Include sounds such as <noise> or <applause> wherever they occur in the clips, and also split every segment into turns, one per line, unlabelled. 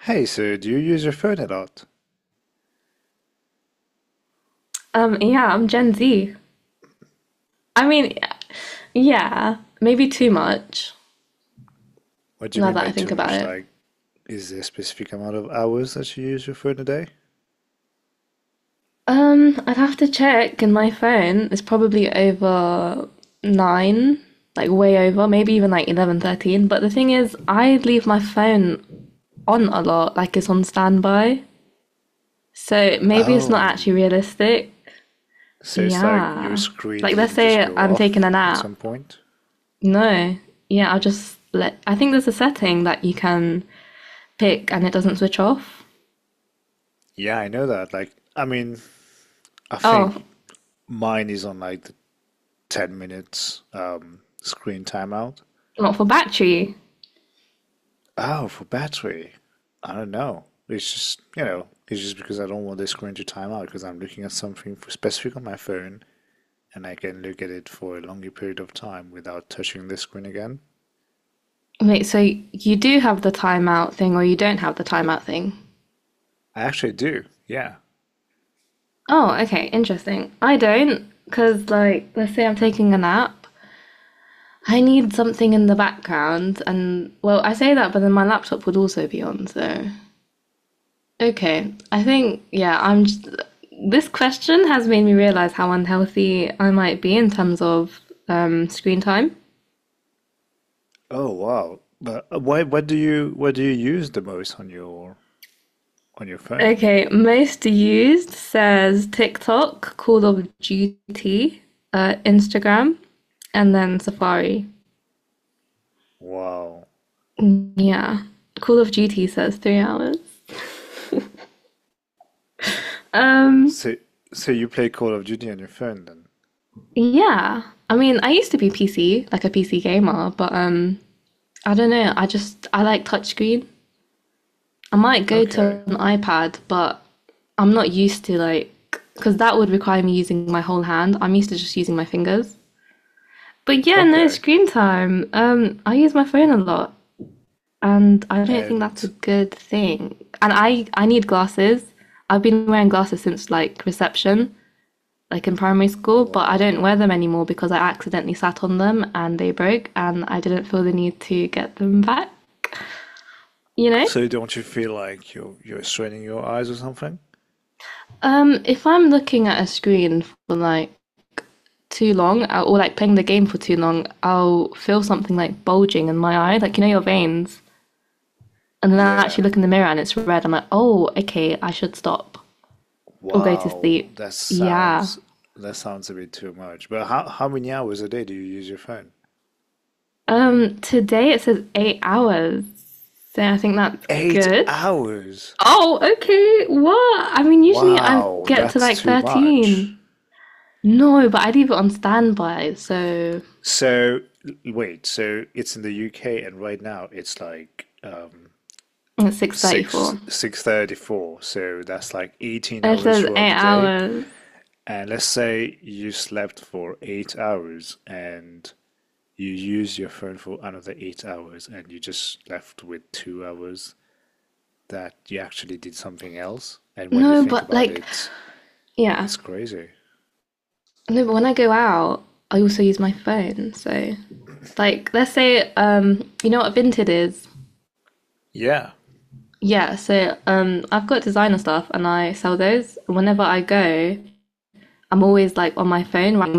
Hey, so do you use your phone a lot?
Yeah, I'm Gen Z. I mean, yeah, maybe too much
What do you
now
mean
that
by
I think
too
about
much?
it.
Like, is there a specific amount of hours that you use your phone a day?
I'd have to check in my phone. It's probably over nine, like way over, maybe even like 11, 13. But the thing is, I leave my phone on a lot, like it's on standby. So maybe it's not actually
Oh,
realistic.
so it's like your
Yeah.
screen
Like, let's
doesn't just
say
go
I'm taking a
off at
nap.
some point?
No. Yeah, I'll just let. I think there's a setting that you can pick and it doesn't switch off.
Yeah, I know that. Like, I mean, I
Oh,
think mine is on like the 10 minutes screen timeout.
not for battery.
Oh, for battery. I don't know. It's just because I don't want the screen to time out because I'm looking at something for specific on my phone, and I can look at it for a longer period of time without touching the screen again.
Wait, so you do have the timeout thing or you don't have the timeout thing?
I actually do, yeah.
Oh, okay, interesting. I don't, because, like, let's say I'm taking a nap, I need something in the background, and, well, I say that, but then my laptop would also be on, so. Okay, I think, yeah, I'm just. This question has made me realize how unhealthy I might be in terms of screen time.
Oh wow. But what do you use the most on your phone?
Okay, most used says TikTok, Call of Duty, Instagram, and then Safari.
Wow.
Yeah, Call of Duty says 3 hours. Um,
So so you play Call of Duty on your phone then?
yeah. I mean, I used to be PC, like a PC gamer, but I don't know. I like touchscreen. I might go
Okay.
to an iPad, but I'm not used to like because that would require me using my whole hand. I'm used to just using my fingers. But yeah, no
Okay.
screen time. I use my phone a lot, and I don't think that's a
And
good thing. And I need glasses. I've been wearing glasses since like reception, like in primary school, but I
wow.
don't wear them anymore because I accidentally sat on them and they broke, and I didn't feel the need to get them back, you know?
So don't you feel like you're straining your eyes or something?
If I'm looking at a screen for like too long or like playing the game for too long, I'll feel something like bulging in my eye, like you know your veins. And then I actually
Yeah.
look in the mirror and it's red. I'm like, oh, okay, I should stop or go to
Wow.
sleep.
That
Yeah.
sounds that sounds a bit too much. But how many hours a day do you use your phone?
Today it says 8 hours, so I think that's
Eight
good.
hours?
Oh, okay. What? I mean, usually I
Wow,
get to
that's
like
too much.
13. No, but I leave it on standby, so
So, wait, so it's in the UK and right now it's like um
it's
6
6:34.
6:34. So that's like 18
And it
hours
says
throughout
eight
the day.
hours.
And let's say you slept for 8 hours and you use your phone for another 8 hours and you just left with 2 hours that you actually did something else. And when you
No,
think
but
about
like,
it,
yeah.
it's crazy.
No, but when I go out, I also use my phone. So, like, let's say, you know what Vinted is?
Yeah.
Yeah, so I've got designer stuff and I sell those. Whenever I go, I'm always like on my phone writing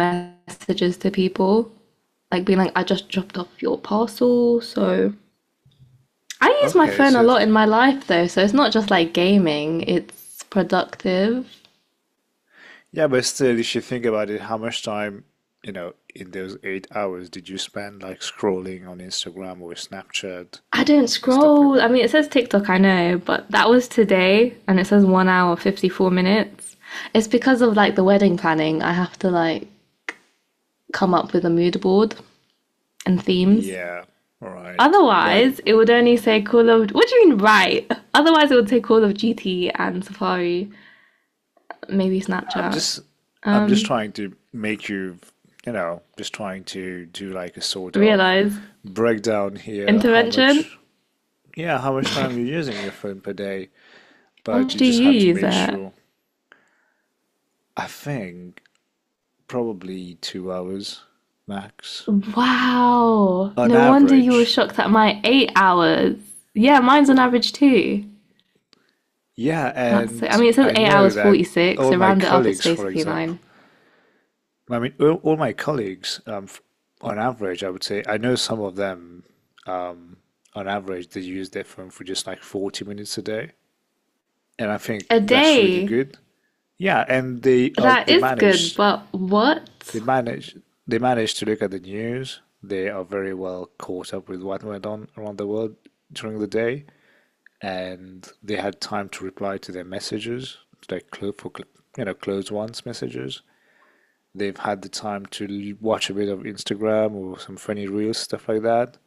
messages to people, like being like, I just dropped off your parcel. So I use my
Okay,
phone a
so,
lot in my life though, so it's not just like gaming, it's productive.
yeah, but still, if you think about it, how much time, in those 8 hours did you spend like scrolling on Instagram or Snapchat
I don't
and stuff like
scroll. I
that?
mean, it says TikTok, I know, but that was today and it says 1 hour, 54 minutes. It's because of like the wedding planning. I have to like come up with a mood board and themes.
Yeah, all right. But
Otherwise, it would only say Call of. What do you mean, right? Otherwise, it would say Call of Duty and Safari, maybe
I'm
Snapchat.
just I'm just
Um,
trying to make you, just trying to do like a sort of
realize
breakdown here, how
intervention.
much, yeah, how much time you're using your phone per day,
How
but
much
you
do
just
you
have to
use
make
it?
sure. I think probably 2 hours max
Wow.
on
No wonder you were
average.
shocked at my 8 hours. Yeah, mine's on average too.
Yeah,
That's it. I
and
mean, it says
I
eight
know
hours
that
46.
all
So
my
round it up, it's
colleagues, for
basically
example,
nine
I mean, all my colleagues, on average, I would say, I know some of them, um, on average, they use their phone for just like 40 minutes a day, and I think
a
that's really
day.
good. Yeah, and they
That is good, but what?
they manage they manage to look at the news. They are very well caught up with what went on around the world during the day. And they had time to reply to their messages, like close for you know closed ones messages. They've had the time to watch a bit of Instagram or some funny reels stuff like that,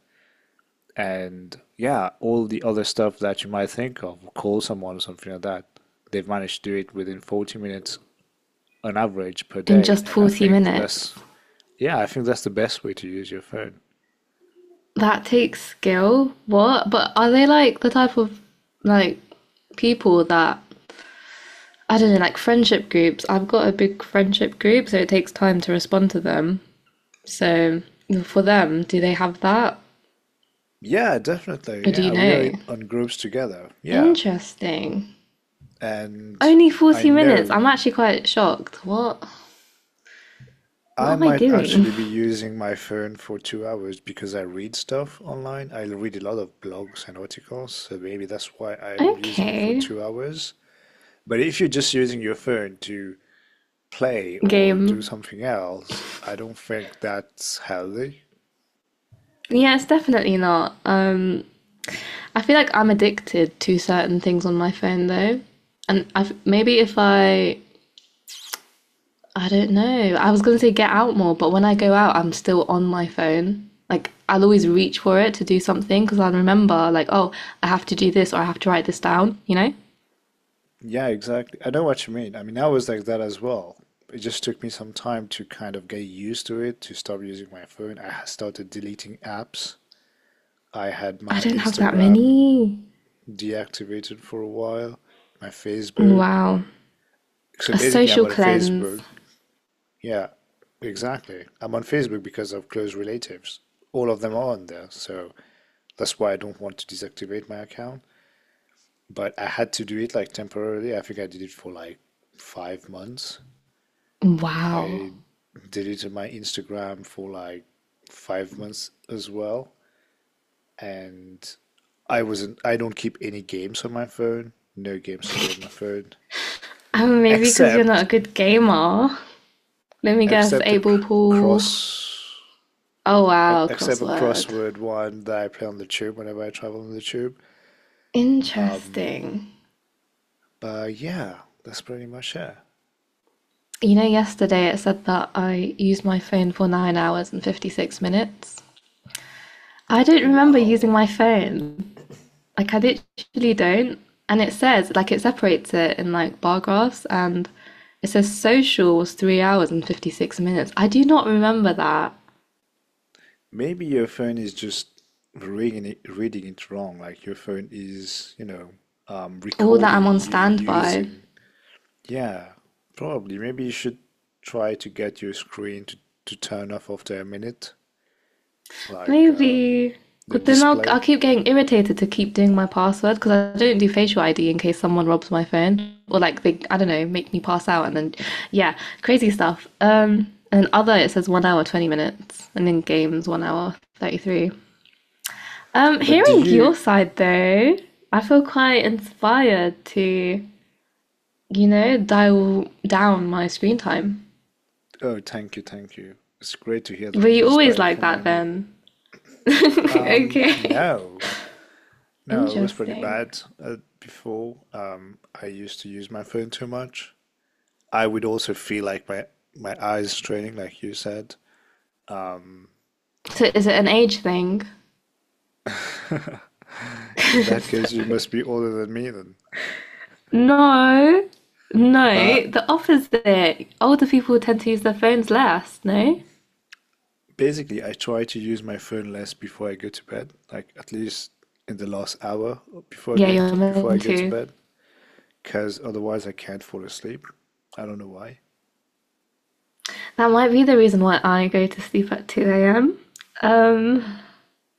and yeah, all the other stuff that you might think of, call someone or something like that. They've managed to do it within 40 minutes on average per
In
day,
just
and I
forty
think that's,
minutes.
yeah, I think that's the best way to use your phone.
That takes skill. What? But are they like the type of like people that I don't know, like friendship groups? I've got a big friendship group, so it takes time to respond to them. So for them, do they have that?
Yeah, definitely.
Or do you
Yeah, we are
know?
on groups together. Yeah,
Interesting.
and
Only
I
40 minutes.
know
I'm actually quite shocked. What? What
I
am I
might
doing?
actually
<laughs>
be using my phone for 2 hours because I read stuff online. I read a lot of blogs and articles, so maybe that's why I'm using it for
Okay.
2 hours. But if you're just using your phone to play or do
Game.
something else, I don't think that's healthy.
Yeah, it's definitely not. I feel like I'm addicted to certain things on my phone though. And I've, maybe if I, I don't know, I was going to say get out more, but when I go out, I'm still on my phone. Like I'll always reach for it to do something because I'll remember, like, oh, I have to do this or I have to write this down, you know?
Yeah, exactly. I know what you mean. I mean, I was like that as well. It just took me some time to kind of get used to it, to stop using my phone. I started deleting apps. I had
I
my
don't have that
Instagram
many.
deactivated for a while. My Facebook.
Wow.
So
A
basically, I'm
social
on
cleanse.
Facebook. Yeah, exactly. I'm on Facebook because of close relatives. All of them are on there. So that's why I don't want to deactivate my account. But I had to do it like temporarily. I think I did it for like 5 months.
Wow.
I deleted my Instagram for like 5 months as well. And I wasn't, I don't keep any games on my phone. No games at all on my phone.
Maybe because you're not
Except
a good gamer. Let me guess,
Except
able pool.
cross,
Oh wow,
a
crossword.
crossword one that I play on the tube whenever I travel on the tube. Um,
Interesting.
but yeah, that's pretty much it.
You know, yesterday it said that I used my phone for 9 hours and 56 minutes. I don't remember using
Wow.
my phone. Like, I literally don't. And it says, like, it separates it in like bar graphs and it says social was 3 hours and 56 minutes. I do not remember that.
Maybe your phone is just reading it wrong. Like your phone is,
All that I'm
recording
on
you
standby.
using. Yeah, probably. Maybe you should try to get your screen to turn off after a minute, like
Maybe.
the
But then I'll
display.
keep getting irritated to keep doing my password because I don't do facial ID in case someone robs my phone or like they I don't know make me pass out and then yeah crazy stuff. And other it says 1 hour 20 minutes and then games 1 hour 33. Um,
But do
hearing your
you
side though, I feel quite inspired to dial down my screen time.
Oh, thank you, thank you. It's great to hear
Were
that you're
you always
inspired
like
from by
that
me.
then? <laughs> Okay,
No, no, it was pretty
interesting.
bad before. I used to use my phone too much. I would also feel like my eyes straining, like you said. Um,
So is it an age thing?
<laughs> in
<laughs>
that case, you
Sorry.
must be older than me then.
No, no.
But
The opposite. Older people tend to use their phones less. No.
basically, I try to use my phone less before I go to bed, like at least in the last hour before
Yeah,
going to
you're
before I
meant
go to
to.
bed, because otherwise I can't fall asleep. I don't know why.
That might be the reason why I go to sleep at 2 a.m. Um,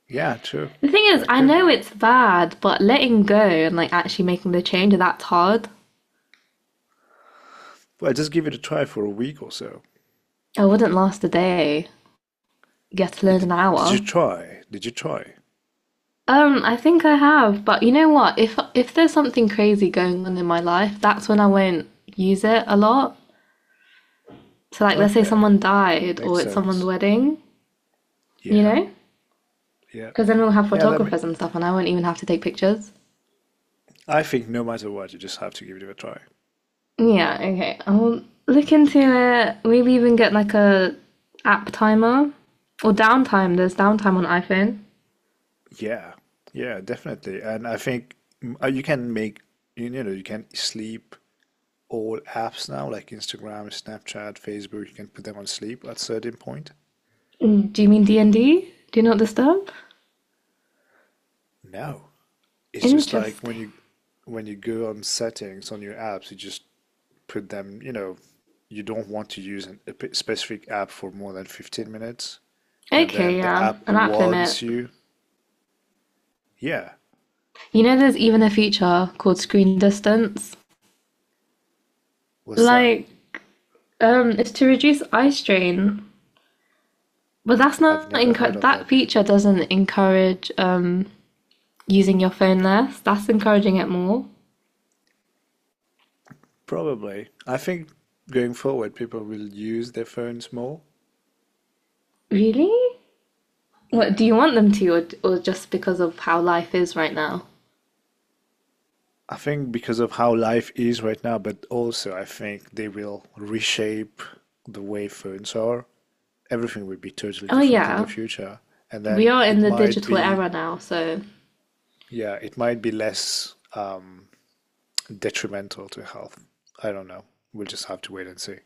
Yeah, true.
the thing is,
That
I
could be
know it's
it.
bad, but letting go and like actually making the change that's hard.
Well, just give it a try for a week or so.
I wouldn't last a day. Get to
But
learn an
did you
hour.
try? Did you try?
I think I have, but you know what? If there's something crazy going on in my life, that's when I won't use it a lot. So like let's say
Okay,
someone died
makes
or it's someone's
sense.
wedding, you
Yeah,
know?
yeah.
Because then we'll have
Yeah,
photographers and stuff and I won't even have to take pictures.
I think no matter what, you just have to give it a try.
Yeah, okay. I'll look into it. Maybe even get like a app timer or downtime. There's downtime on iPhone.
Yeah. Yeah, definitely. And I think you can make you know, you can sleep all apps now like Instagram, Snapchat, Facebook, you can put them on sleep at certain point.
Do you mean D&D? Do not disturb?
No. It's just like when
Interesting.
you when you go on settings on your apps, you just put them, you don't want to use a specific app for more than 15 minutes, and
Okay,
then the
yeah,
app
an app limit.
warns you. Yeah,
You know, there's even a feature called screen distance.
what's that?
Like, it's to reduce eye strain, but that's
I've
not
never heard
encu-
of that
that feature
before.
doesn't encourage using your phone less. That's encouraging it more.
Probably. I think going forward, people will use their phones more.
Really? What do
Yeah.
you want them to, or just because of how life is right now?
I think because of how life is right now, but also I think they will reshape the way phones are. Everything will be totally
Oh
different in the
yeah,
future. And
we
then
are in
it
the
might
digital
be,
era now, so
yeah, it might be less detrimental to health. I don't know. We'll just have to wait and see.